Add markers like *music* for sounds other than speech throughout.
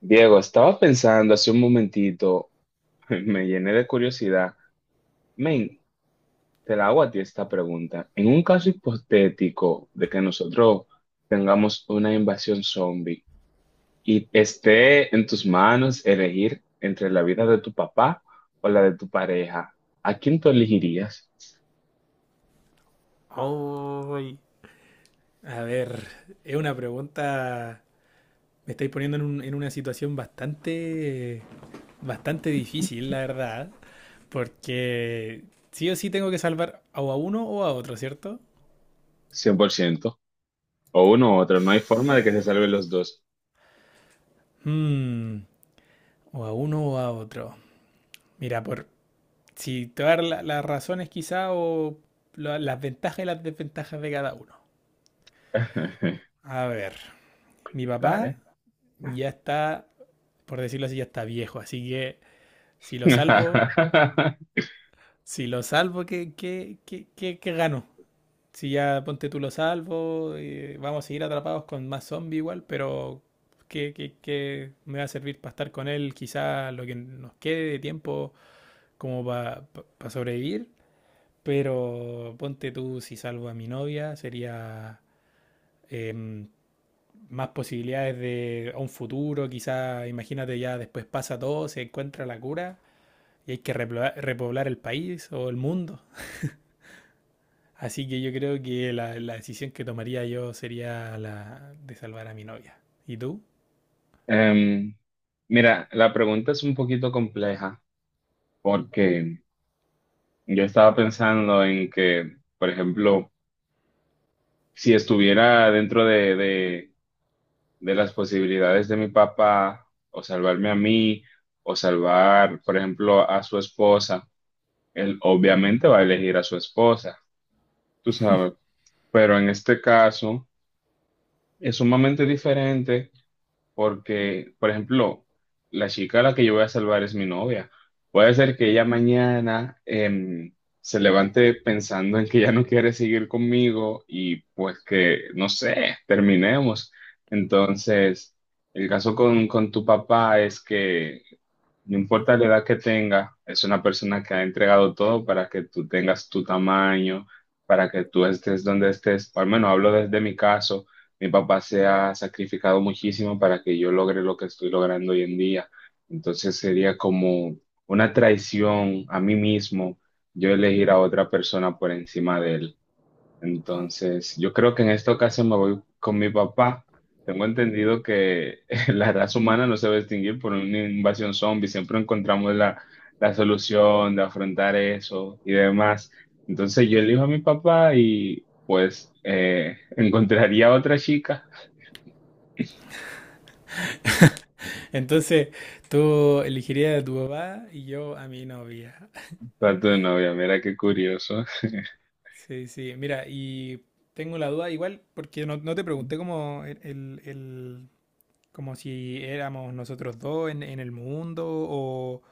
Diego, estaba pensando hace un momentito, *laughs* me llené de curiosidad. Men, te la hago a ti esta pregunta. En un caso hipotético de que nosotros tengamos una invasión zombie y esté en tus manos elegir entre la vida de tu papá o la de tu pareja, ¿a quién tú elegirías? Ay. A ver, es una pregunta. Me estáis poniendo en una situación bastante difícil, *laughs* la verdad. Porque sí o sí tengo que salvar o a uno o a otro, ¿cierto? 100%. O uno u otro, no hay forma de que se salven los dos. Hmm, o a uno o a otro. Mira, por. Si te voy a dar las razones quizá o las ventajas y las desventajas de cada uno. *laughs* A ver, mi papá Dale. ya está, por decirlo así, ya está viejo, así que si lo salvo, *laughs* si lo salvo, ¿qué gano? Si ya ponte tú lo salvo, vamos a seguir atrapados con más zombies igual, pero ¿qué me va a servir para estar con él? Quizá lo que nos quede de tiempo como para sobrevivir, pero ponte tú si salvo a mi novia, sería em, más posibilidades de un futuro, quizá imagínate ya después pasa todo, se encuentra la cura y hay que repoblar el país o el mundo. Así que yo creo que la decisión que tomaría yo sería la de salvar a mi novia. ¿Y tú? Em, Mira, la pregunta es un poquito compleja porque yo estaba pensando en que, por ejemplo, si estuviera dentro de las posibilidades de mi papá, o salvarme a mí, o salvar, por ejemplo, a su esposa, él obviamente va a elegir a su esposa, tú sabes, pero en este caso es sumamente diferente porque, por ejemplo, la chica a la que yo voy a salvar es mi novia. Puede ser que ella mañana se levante pensando en que ya no quiere seguir conmigo y pues que, no sé, terminemos. Entonces, el caso con tu papá es que no importa la edad que tenga, es una persona que ha entregado todo para que tú tengas tu tamaño, para que tú estés donde estés. Al menos hablo desde mi caso. Mi papá se ha sacrificado muchísimo para que yo logre lo que estoy logrando hoy en día. Entonces sería como una traición a mí mismo yo elegir a otra persona por encima de él. Entonces, yo creo que en esta ocasión me voy con mi papá. Tengo entendido que *laughs* la raza humana no se va a extinguir por una invasión zombie. Siempre encontramos la solución de afrontar eso y demás. Entonces, yo elijo a mi papá y pues *laughs* encontraría a otra chica Entonces, tú elegirías a tu papá y yo a mi novia. para tu novia. Mira qué curioso. Sí, sí. Mira, y tengo la duda igual, porque no, no te pregunté como como si éramos nosotros dos en el mundo o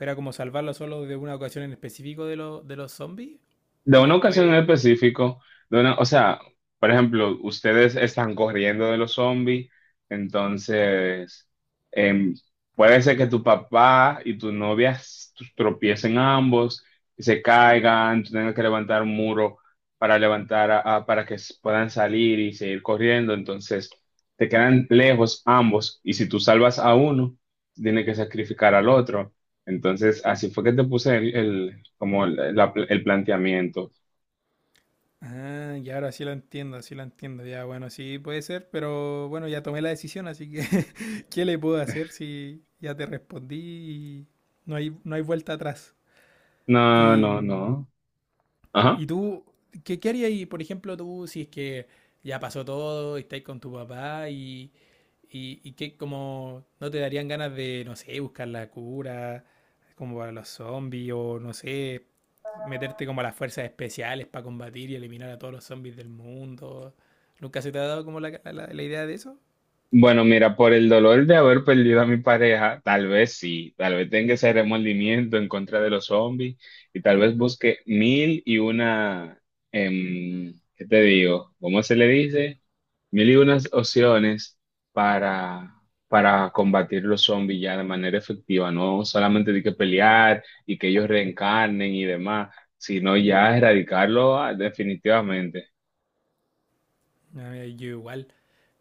era como salvarlo solo de una ocasión en específico de los zombies De y una ocasión en después... específico, o sea, por ejemplo, ustedes están corriendo de los zombies, entonces em, puede ser que tu papá y tu novia tropiecen ambos y se caigan, tú tengas que levantar un muro para levantar para que puedan salir y seguir corriendo, entonces te quedan lejos ambos y si tú salvas a uno, tienes que sacrificar al otro. Entonces, así fue que te puse el, como el, el planteamiento. Ah, ya ahora sí lo entiendo, sí lo entiendo. Ya, bueno, sí puede ser, pero bueno, ya tomé la decisión, así que *laughs* ¿qué le puedo hacer si ya te respondí y no hay vuelta atrás? No, Y, no, no. Ajá. ¿y tú, qué harías ahí, por ejemplo, tú si es que ya pasó todo y estáis con tu papá y qué, como, no te darían ganas de, no sé, buscar la cura, como para los zombies o no sé, meterte como a las fuerzas especiales para combatir y eliminar a todos los zombies del mundo. ¿Nunca se te ha dado como la idea de eso? Bueno, mira, por el dolor de haber perdido a mi pareja, tal vez sí, tal vez tenga ese remordimiento en contra de los zombies y tal vez busque mil y una, ¿qué te digo? ¿Cómo se le dice? Mil y unas opciones para, para combatir los zombies ya de manera efectiva, no solamente de que pelear y que ellos reencarnen y demás, sino ya erradicarlo definitivamente. No,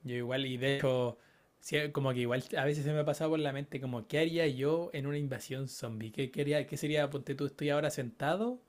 yo igual, y de hecho, sí, como que igual a veces se me ha pasado por la mente como, ¿qué haría yo en una invasión zombie? ¿Qué sería, ponte tú, estoy ahora sentado?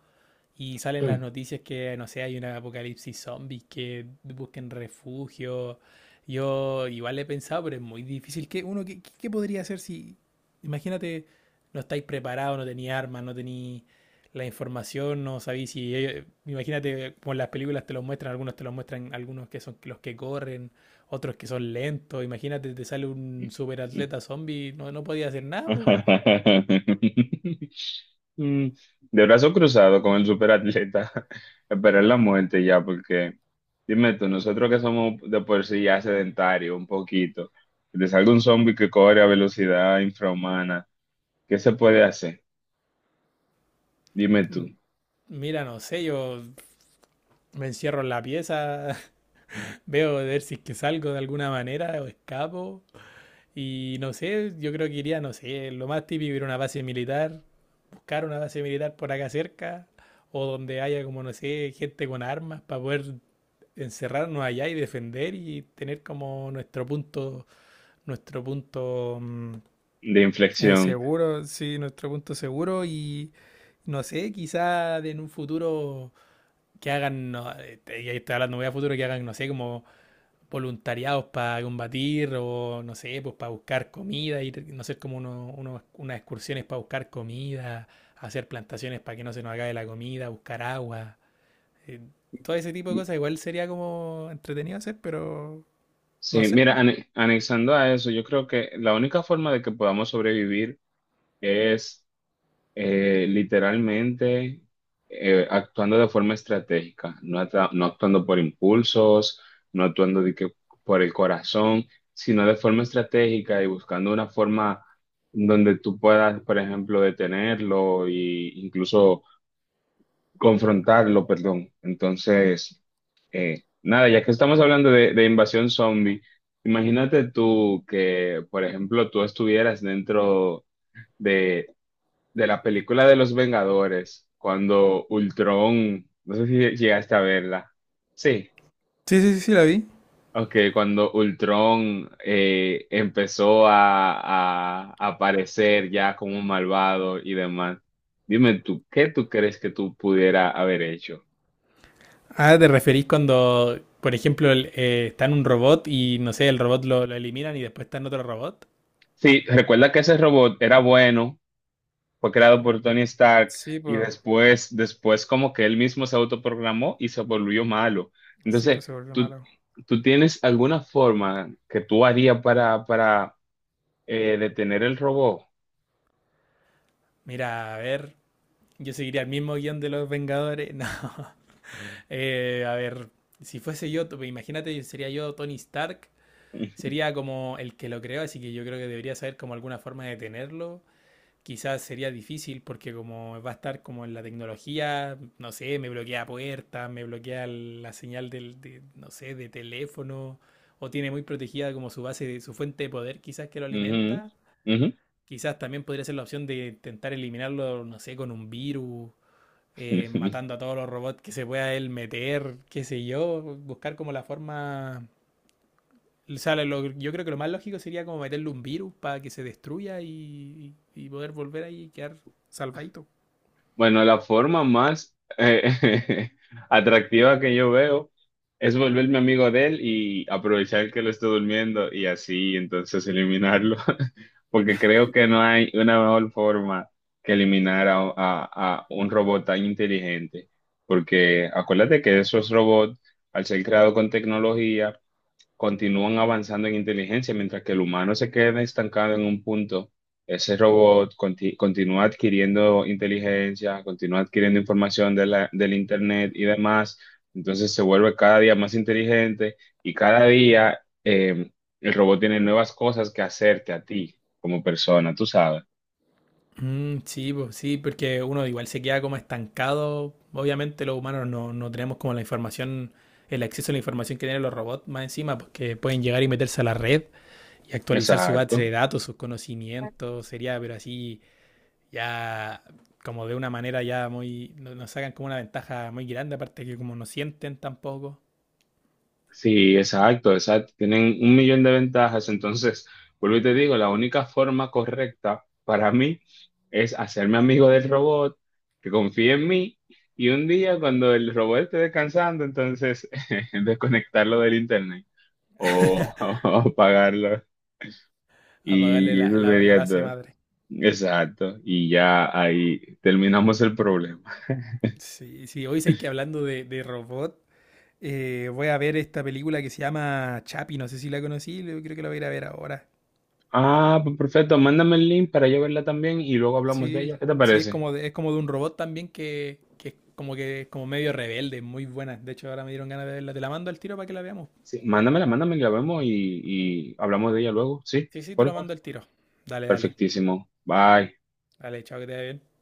Y salen las noticias que, no sé, hay un apocalipsis zombies, que busquen refugio. Yo igual he pensado, pero es muy difícil. ¿Qué podría hacer si, imagínate, no estáis preparados, no tenéis armas, no tenéis la información, no sabéis si... Imagínate, como en las películas te los muestran, algunos te los muestran, algunos que son los que corren, otros que son lentos. Imagínate, te sale un Mm. superatleta zombie, no, no podía hacer nada, pues. *laughs* Mm, De brazo cruzado con el superatleta, *laughs* esperar la muerte ya, porque dime tú, nosotros que somos de por sí ya sedentarios un poquito, que te salga un zombie que corre a velocidad infrahumana, ¿qué se puede hacer? Dime tú, Mira, no sé, yo me encierro en la pieza. Veo de ver si es que salgo de alguna manera o escapo. Y no sé, yo creo que iría, no sé, lo más típico ir a una base militar, buscar una base militar por acá cerca, o donde haya como, no sé, gente con armas para poder encerrarnos allá y defender y tener como nuestro punto, nuestro punto, de inflexión. seguro, sí, nuestro punto seguro y no sé, quizá en un futuro que hagan, no, ya estoy hablando muy a futuro, que hagan, no sé, como voluntariados para combatir o no sé, pues para buscar comida, ir, no sé, como unas excursiones para buscar comida, hacer plantaciones para que no se nos acabe la comida, buscar agua, eh, todo ese tipo de cosas igual sería como entretenido hacer, pero no Sí, sé, mira, pues. Anexando a eso, yo creo que la única forma de que podamos sobrevivir es literalmente actuando de forma estratégica, no, no actuando por impulsos, no actuando de que por el corazón, sino de forma estratégica y buscando una forma donde tú puedas, por ejemplo, detenerlo e incluso confrontarlo, perdón. Entonces, nada, ya que estamos hablando de invasión zombie, imagínate tú que, por ejemplo, tú estuvieras dentro de la película de los Vengadores, cuando Ultron, no sé si llegaste a verla. Sí, Sí, sí, sí, sí, la vi. ok, cuando Ultron empezó a aparecer ya como un malvado y demás. Dime tú, ¿qué tú crees que tú pudiera haber hecho? Ah, ¿te referís cuando, por ejemplo, está en un robot y no sé, el robot lo eliminan y después está en otro robot? Sí, recuerda que ese robot era bueno, fue creado por Tony Stark Sí, y pues, después, después como que él mismo se autoprogramó y se volvió malo. sí, Entonces, pues se volvió tú, malo. ¿tú tienes alguna forma que tú harías para detener el robot? Mira, a ver, yo seguiría el mismo guión de los Vengadores. *laughs* No, a ver, si fuese yo, imagínate, sería yo Tony Stark, sería como el que lo creó, así que yo creo que debería saber como alguna forma de tenerlo. Quizás sería difícil porque como va a estar como en la tecnología, no sé, me bloquea puertas, me bloquea la señal no sé, de teléfono, o tiene muy protegida como su base, de, su fuente de poder quizás que lo Ujú, alimenta. ujú. Quizás también podría ser la opción de intentar eliminarlo, no sé, con un virus, matando *laughs* a todos los robots que se pueda él meter, qué sé yo, buscar como la forma... O sea, yo creo que lo más lógico sería como meterle un virus para que se destruya y poder volver ahí y quedar salvadito. Bueno, la forma más *laughs* atractiva que yo veo es volverme amigo de él y aprovechar que lo esté durmiendo y así entonces eliminarlo, *laughs* porque creo que no hay una mejor forma que eliminar a un robot tan inteligente, porque acuérdate que esos robots, al ser creados con tecnología, continúan avanzando en inteligencia, mientras que el humano se queda estancado en un punto. Ese robot continúa adquiriendo inteligencia, continúa adquiriendo información de del Internet y demás. Entonces se vuelve cada día más inteligente y cada día el robot tiene nuevas cosas que hacerte a ti como persona, tú sabes. Mm, sí, pues, sí, porque uno igual se queda como estancado. Obviamente los humanos no, no tenemos como la información, el acceso a la información que tienen los robots más encima, porque pueden llegar y meterse a la red y actualizar su base Exacto. de datos, sus conocimientos, sería, pero así ya como de una manera ya muy, nos sacan como una ventaja muy grande, aparte que como no sienten tampoco, Sí, exacto, exacto. Tienen un millón de ventajas. Entonces, vuelvo y te digo, la única forma correcta para mí es hacerme amigo del robot, que confíe en mí, y un día cuando el robot esté descansando, entonces *laughs* desconectarlo del internet o, *laughs* o apagarlo. apagarle Y eso la sería base todo. madre. Exacto. Y ya ahí terminamos el problema. Sí, sí, hoy sé que hablando de robot, voy a ver esta película que se llama Chapi, no sé si la conocí, yo creo que la voy a ir a ver ahora. Ah, pues perfecto. Mándame el link para yo verla también y luego hablamos de ella. Sí, ¿Qué te sí, parece? Es como de un robot también que es como medio rebelde, muy buena. De hecho, ahora me dieron ganas de verla. Te la mando al tiro para que la veamos. Sí, mándamela, mándamela, la vemos y hablamos de ella luego. Sí, Sí, sí, te por la favor. mando al tiro. Dale, dale. Perfectísimo. Bye. Dale, chao, que te vaya bien.